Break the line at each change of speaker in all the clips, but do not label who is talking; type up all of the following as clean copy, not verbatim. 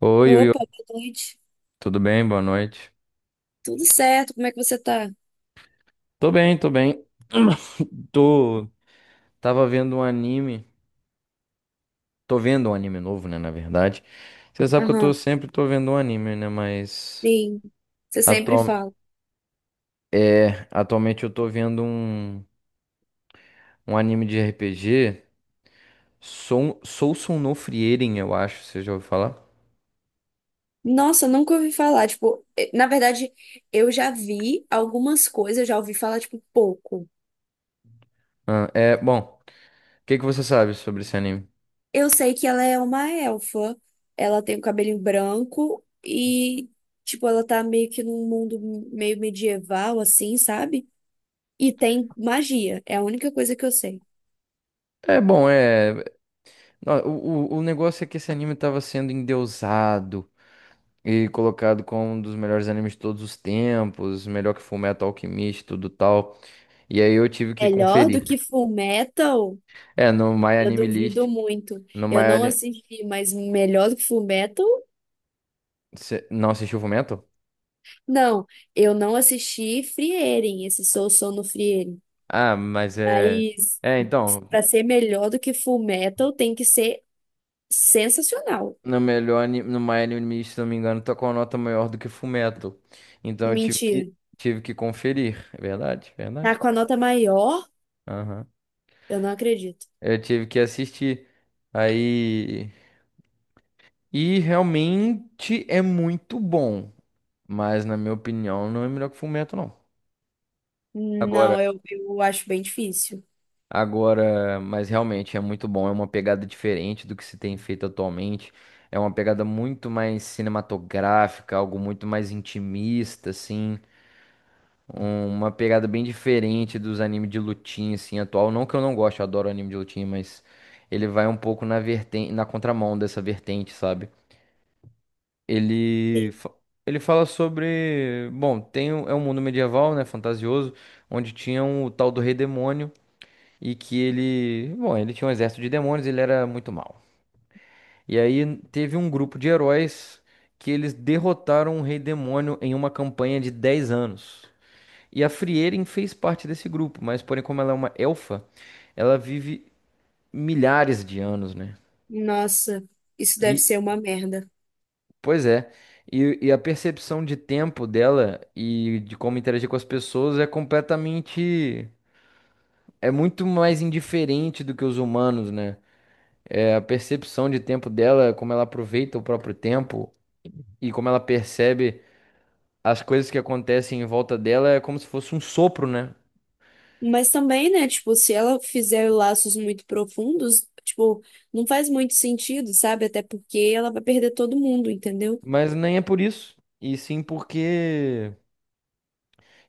Oi, oi,
Opa,
oi,
boa noite.
tudo bem? Boa noite.
Tudo certo? Como é que você tá?
Tô bem, tô bem. Tô. Tava vendo um anime. Tô vendo um anime novo, né? Na verdade. Você sabe que eu tô
Aham,
sempre tô vendo um anime, né? Mas.
sim. Você sempre
Atual...
fala.
É, atualmente eu tô vendo um anime de RPG. Sou Sousou no Frieren, eu acho. Você já ouviu falar?
Nossa, eu nunca ouvi falar. Tipo, na verdade, eu já vi algumas coisas, eu já ouvi falar, tipo, pouco.
Ah, é, bom. O que que você sabe sobre esse anime?
Eu sei que ela é uma elfa. Ela tem o cabelinho branco e, tipo, ela tá meio que num mundo meio medieval, assim, sabe? E tem magia. É a única coisa que eu sei.
É bom, é. Não, o negócio é que esse anime tava sendo endeusado. E colocado como um dos melhores animes de todos os tempos, melhor que Fullmetal Alchemist, tudo tal. E aí eu tive que
Melhor do
conferir.
que full metal.
É, no My
Eu
Anime List,
duvido muito.
no My
Eu não
Ani-
assisti, mas melhor do que Fullmetal?
não assistiu Fullmetal?
Não, eu não assisti Frieren, esse Sou Sono Frieren.
Ah, mas é.
Mas
É, então,
para ser melhor do que Fullmetal tem que ser sensacional.
no My Anime List, se não me engano, tá com a nota maior do que Fullmetal. Então eu tive
Mentira.
que tive que conferir, é verdade, é
Tá
verdade.
com a nota maior?
Aham.
Eu não acredito.
Eu tive que assistir. Aí e realmente é muito bom. Mas, na minha opinião, não é melhor que Fullmetal, não. Agora,
Não, eu acho bem difícil.
agora, mas realmente é muito bom. É uma pegada diferente do que se tem feito atualmente. É uma pegada muito mais cinematográfica, algo muito mais intimista, assim. Uma pegada bem diferente dos animes de lutinha, assim, atual. Não que eu não goste, eu adoro anime de lutinha, mas ele vai um pouco na vertente, na contramão dessa vertente, sabe? Ele, fa- ele fala sobre. Bom, tem, é um mundo medieval, né? Fantasioso, onde tinha o tal do Rei Demônio. E que ele. Bom, ele tinha um exército de demônios, ele era muito mal. E aí teve um grupo de heróis que eles derrotaram o Rei Demônio em uma campanha de 10 anos. E a Frieren fez parte desse grupo, mas porém, como ela é uma elfa, ela vive milhares de anos, né?
Nossa, isso deve ser uma merda.
Pois é. E a percepção de tempo dela e de como interagir com as pessoas é completamente. É muito mais indiferente do que os humanos, né? É a percepção de tempo dela, como ela aproveita o próprio tempo e como ela percebe as coisas que acontecem em volta dela, é como se fosse um sopro, né?
Mas também, né, tipo, se ela fizer laços muito profundos, tipo, não faz muito sentido, sabe? Até porque ela vai perder todo mundo, entendeu?
Mas nem é por isso. E sim porque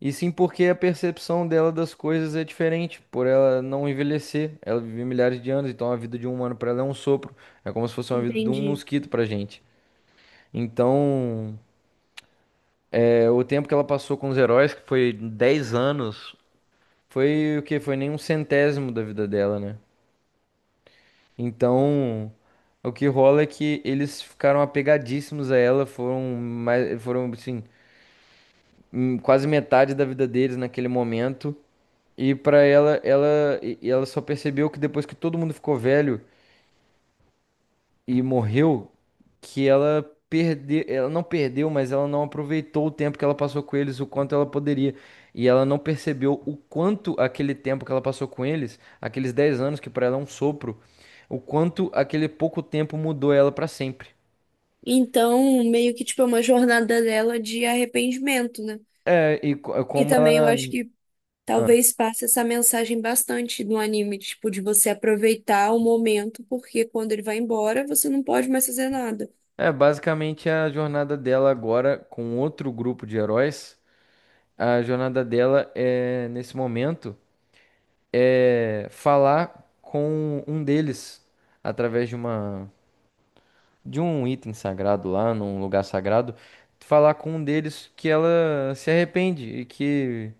E sim porque a percepção dela das coisas é diferente, por ela não envelhecer. Ela vive milhares de anos, então a vida de um humano para ela é um sopro. É como se fosse uma vida de um
Entendi.
mosquito pra gente. Então, é, o tempo que ela passou com os heróis, que foi 10 anos, foi o que? Foi nem um centésimo da vida dela, né? Então, o que rola é que eles ficaram apegadíssimos a ela, foram mais, foram assim, quase metade da vida deles naquele momento. E pra ela só percebeu que depois que todo mundo ficou velho e morreu, que ela perdeu, ela não perdeu, mas ela não aproveitou o tempo que ela passou com eles, o quanto ela poderia. E ela não percebeu o quanto aquele tempo que ela passou com eles, aqueles 10 anos que pra ela é um sopro, o quanto aquele pouco tempo mudou ela pra sempre.
Então, meio que, tipo, é uma jornada dela de arrependimento, né?
É, e
E
como
também eu
ela
acho que
ah,
talvez passe essa mensagem bastante no anime, tipo, de você aproveitar o momento, porque quando ele vai embora, você não pode mais fazer nada.
é basicamente a jornada dela agora com outro grupo de heróis. A jornada dela é, nesse momento, é falar com um deles através de um item sagrado lá, num lugar sagrado, falar com um deles que ela se arrepende e que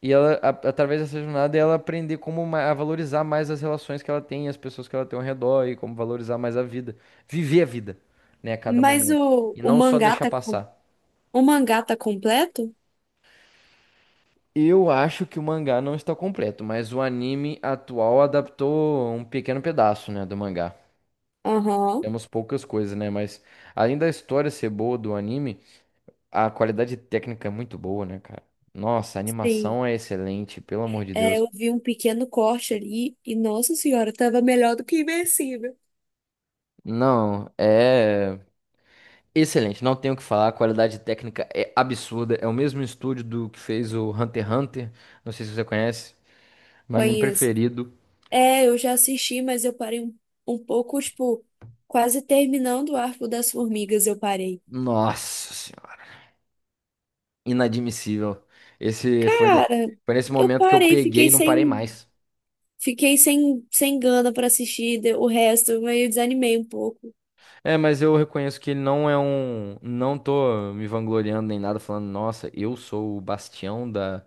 e ela através dessa jornada ela aprender como a valorizar mais as relações que ela tem, as pessoas que ela tem ao redor e como valorizar mais a vida, viver a vida, né, a cada
Mas
momento
o,
e
o
não só
mangá
deixar
tá,
passar.
o mangá tá completo?
Eu acho que o mangá não está completo, mas o anime atual adaptou um pequeno pedaço, né, do mangá.
Aham.
Temos poucas coisas, né, mas além da história ser boa do anime, a qualidade técnica é muito boa, né, cara? Nossa, a
Sim.
animação é excelente, pelo amor de
É, eu
Deus.
vi um pequeno corte ali e, nossa senhora, tava melhor do que Invencível.
Não, é excelente, não tenho o que falar, a qualidade técnica é absurda, é o mesmo estúdio do que fez o Hunter x Hunter, não sei se você conhece, mas meu anime
Conheço.
preferido.
É, eu já assisti, mas eu parei um, um pouco, tipo, quase terminando o Arco das Formigas, eu parei.
Nossa, inadmissível. Esse foi, ne-
Cara,
foi nesse
eu
momento que eu
parei,
peguei e não parei mais.
fiquei sem, sem gana pra assistir o resto, eu meio desanimei um pouco.
É, mas eu reconheço que ele não é um. Não tô me vangloriando nem nada, falando, nossa, eu sou o bastião da,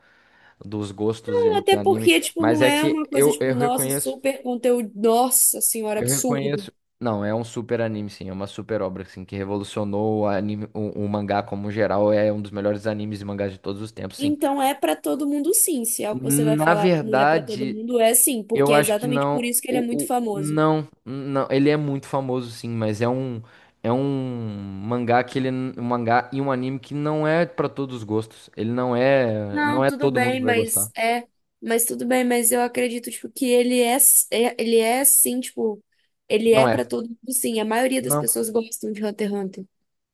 dos gostos
Não,
de
até
anime.
porque, tipo,
Mas
não
é
é
que
uma coisa,
eu,
tipo,
eu
nossa,
reconheço.
super conteúdo, nossa senhora,
Eu
absurdo.
reconheço. Não, é um super anime, sim. É uma super obra, assim, que revolucionou o anime, o mangá como geral. É um dos melhores animes e mangás de todos os tempos, sim.
Então é para todo mundo sim, se é o que você vai
Na
falar que não é para todo
verdade.
mundo, é sim,
Eu
porque é
acho que
exatamente por
não.
isso que ele é
O,
muito
o,
famoso.
não, não. Ele é muito famoso, sim, mas é um. É um mangá e um anime que não é pra todos os gostos. Ele não é, não
Não,
é
tudo
todo mundo que
bem,
vai gostar.
mas é, mas tudo bem, mas eu acredito tipo que ele é, ele é sim, tipo, ele
Não
é
é.
para todo mundo sim. A maioria das
Não.
pessoas gostam de Hunter x Hunter.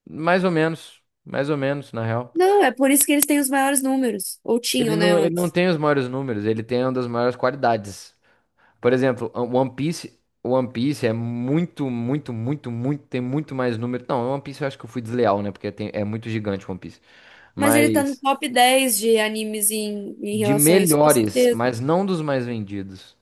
Mais ou menos, na real.
Não, é por isso que eles têm os maiores números, ou tinham, né,
Ele não
antes.
tem os maiores números, ele tem uma das maiores qualidades. Por exemplo, o One Piece é muito, muito, muito, muito, tem muito mais número. Não, o One Piece eu acho que eu fui desleal, né? Porque é muito gigante o One Piece.
Mas ele tá no
Mas
top 10 de animes em, em
de
relação a isso, com
melhores,
certeza.
mas não dos mais vendidos.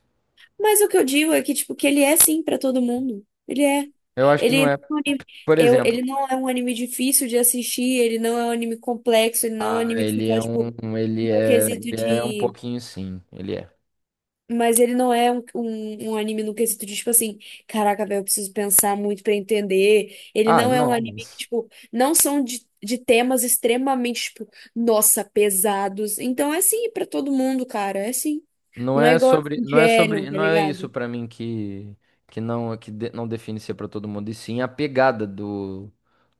Mas o que eu digo é que, tipo, que ele é sim pra todo mundo. Ele é.
Eu acho que não
Ele
é.
não é um anime,
Por
eu,
exemplo,
ele não é um anime difícil de assistir, ele não é um anime complexo, ele não é um
ah,
anime que você
ele
fala,
é
tipo,
um, ele
no
é,
quesito
ele é um
de.
pouquinho sim, ele é.
Mas ele não é um anime no quesito de, tipo assim, caraca, velho, eu preciso pensar muito pra entender. Ele
Ah,
não é um
não,
anime que,
mas
tipo, não são de temas extremamente, tipo, nossa, pesados. Então é assim pra todo mundo, cara, é assim.
Não
Não é
é
igual
sobre, não é
Evangelion,
sobre,
tá
não é isso
ligado?
pra mim que não que não define ser pra todo mundo, e sim a pegada do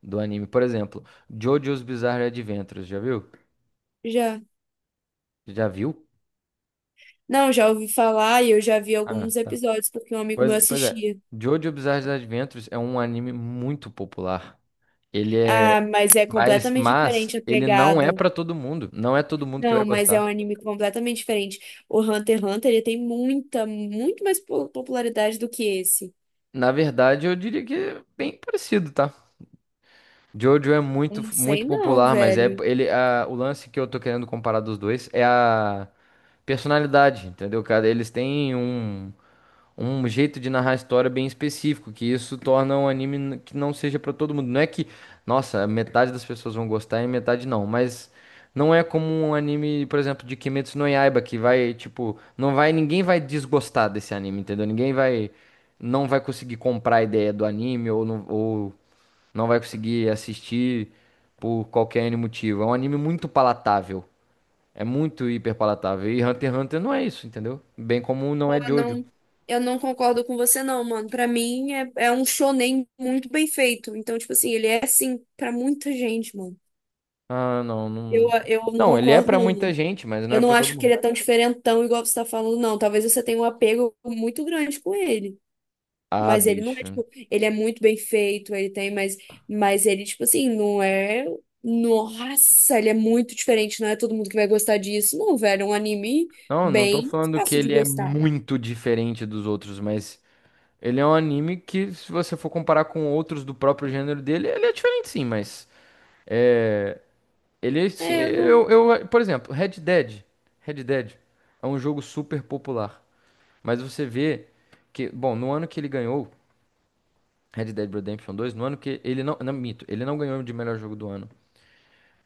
do anime. Por exemplo, JoJo's Bizarre Adventures, já viu?
Já.
Já viu?
Não, já ouvi falar e eu já vi
Ah,
alguns
tá.
episódios porque um amigo meu
Pois, pois é.
assistia.
JoJo Bizarre Adventures é um anime muito popular. Ele é.
Ah, mas é
Mas,
completamente diferente
mas
a
ele não é
pegada.
pra todo mundo. Não é todo mundo que vai
Não, mas é um
gostar.
anime completamente diferente. O Hunter x Hunter, ele tem muita, muito mais popularidade do que esse.
Na verdade, eu diria que é bem parecido, tá? Jojo é muito,
Não sei
muito
não,
popular, mas é
velho.
o lance que eu tô querendo comparar dos dois é a personalidade, entendeu, cara? Eles têm um jeito de narrar a história bem específico, que isso torna um anime que não seja pra todo mundo. Não é que, nossa, metade das pessoas vão gostar e metade não, mas não é como um anime, por exemplo, de Kimetsu no Yaiba, que vai, tipo, não vai, ninguém vai desgostar desse anime, entendeu? Ninguém vai, não vai conseguir comprar a ideia do anime ou não vai conseguir assistir por qualquer N motivo. É um anime muito palatável. É muito hiper palatável. E Hunter x Hunter não é isso, entendeu? Bem como não é
Eu
Jojo.
não, eu não concordo com você não, mano. Pra mim é, é um shonen muito bem feito. Então, tipo assim, ele é assim pra muita gente, mano.
Ah, não,
Eu,
não.
eu não
Não, ele é
concordo
pra muita
não.
gente, mas não
Eu
é
não
pra todo
acho que
mundo.
ele é tão diferentão igual você tá falando, não. Talvez você tenha um apego muito grande com ele.
Ah,
Mas ele não é,
bicho.
tipo, ele é muito bem feito, ele tem, mas ele, tipo assim, não é. Nossa, ele é muito diferente, não é todo mundo que vai gostar disso. Não, velho, é um anime
Não, não tô
bem
falando que
fácil de
ele é
gostar.
muito diferente dos outros, mas ele é um anime que, se você for comparar com outros do próprio gênero dele, ele é diferente sim, mas ele sim,
É, eu não.
eu, por exemplo, Red Dead. Red Dead é um jogo super popular, mas você vê que, bom, no ano que ele ganhou Red Dead Redemption 2, no ano que ele não, não, mito, ele não ganhou de melhor jogo do ano.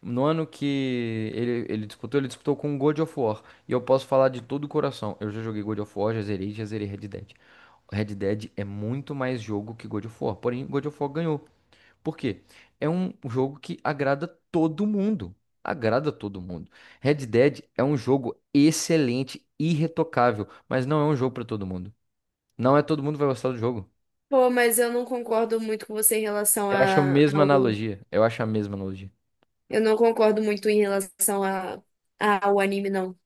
No ano que ele disputou com God of War. E eu posso falar de todo o coração. Eu já joguei God of War, já zerei Red Dead. Red Dead é muito mais jogo que God of War. Porém, God of War ganhou. Por quê? É um jogo que agrada todo mundo. Agrada todo mundo. Red Dead é um jogo excelente, irretocável, mas não é um jogo para todo mundo. Não é todo mundo que vai gostar do jogo.
Pô, mas eu não concordo muito com você em relação
Eu acho a
a,
mesma
ao.
analogia. Eu acho a mesma analogia.
Eu não concordo muito em relação a, ao anime, não.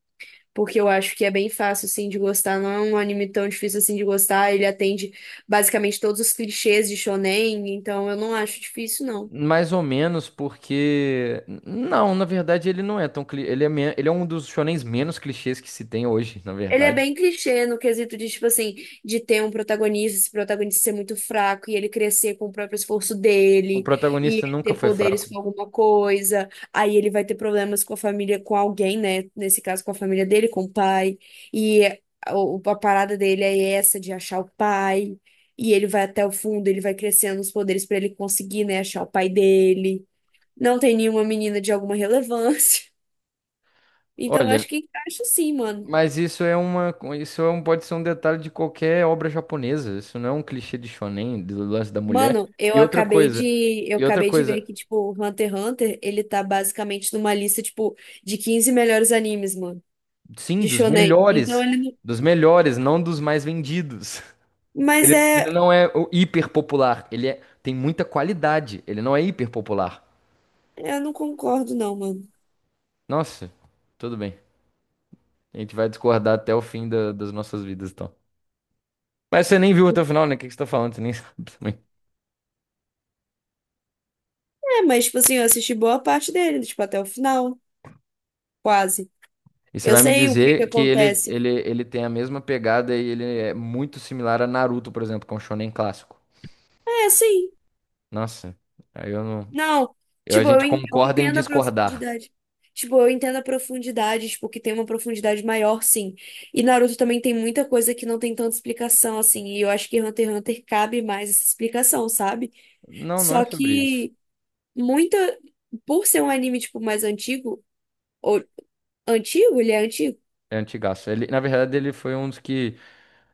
Porque eu acho que é bem fácil, assim, de gostar. Não é um anime tão difícil, assim, de gostar. Ele atende basicamente todos os clichês de shonen, então eu não acho difícil, não.
Mais ou menos, porque. Não, na verdade ele não é tão. Ele é um dos shonens menos clichês que se tem hoje, na
Ele é
verdade.
bem clichê no quesito de, tipo assim, de ter um protagonista, esse protagonista ser muito fraco e ele crescer com o próprio esforço
O
dele e
protagonista nunca
ter
foi
poderes
fraco.
com alguma coisa. Aí ele vai ter problemas com a família, com alguém, né? Nesse caso, com a família dele, com o pai. E a, a parada dele é essa de achar o pai. E ele vai até o fundo, ele vai crescendo os poderes pra ele conseguir, né, achar o pai dele. Não tem nenhuma menina de alguma relevância. Então, eu
Olha,
acho que encaixa sim, mano.
mas isso é uma. Pode ser um detalhe de qualquer obra japonesa. Isso não é um clichê de shonen, do lance da mulher.
Mano, eu
E outra
acabei
coisa.
de, eu
E outra
acabei de ver
coisa.
que, tipo, Hunter x Hunter, ele tá basicamente numa lista, tipo, de 15 melhores animes, mano,
Sim,
de
dos
shonen. Então
melhores.
ele não...
Dos melhores, não dos mais vendidos.
Mas
Ele,
é...
ele não é o hiper popular. Tem muita qualidade. Ele não é hiper popular.
Eu não concordo, não, mano.
Nossa, tudo bem. A gente vai discordar até o fim das nossas vidas, então. Mas você nem viu até o final, né? O que que você tá falando? Você nem sabe também.
É, mas, tipo assim, eu assisti boa parte dele, tipo, até o final, quase.
E você
Eu
vai me
sei o que que
dizer que ele,
acontece.
ele, ele tem a mesma pegada e ele é muito similar a Naruto, por exemplo, que é um shonen clássico.
É, sim.
Nossa, aí eu não.
Não,
A
tipo, eu,
gente
eu
concorda em
entendo a
discordar.
profundidade. Tipo, eu entendo a profundidade, tipo, que tem uma profundidade maior, sim. E Naruto também tem muita coisa que não tem tanta explicação, assim. E eu acho que Hunter x Hunter cabe mais essa explicação, sabe?
Não, não é
Só
sobre isso.
que muita. Por ser um anime, tipo, mais antigo, ou antigo, ele é antigo.
É antigaço. Ele, na verdade, ele foi um dos que,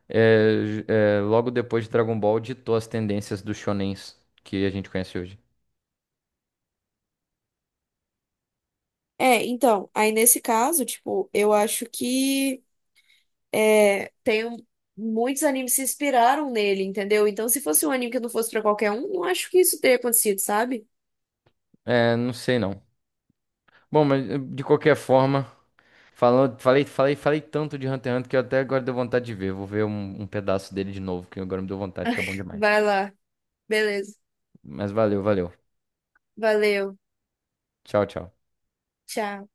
é, logo depois de Dragon Ball, ditou as tendências dos shonens que a gente conhece hoje.
É, então, aí nesse caso, tipo, eu acho que. É, muitos animes se inspiraram nele, entendeu? Então, se fosse um anime que não fosse pra qualquer um, não acho que isso teria acontecido, sabe?
É, não sei não. Bom, mas de qualquer forma, falando, falei, falei, falei tanto de Hunter x Hunter que eu até agora deu vontade de ver. Vou ver um, pedaço dele de novo, que agora me deu vontade, que é bom demais.
Vai lá. Beleza.
Mas valeu, valeu.
Valeu.
Tchau, tchau.
Tchau.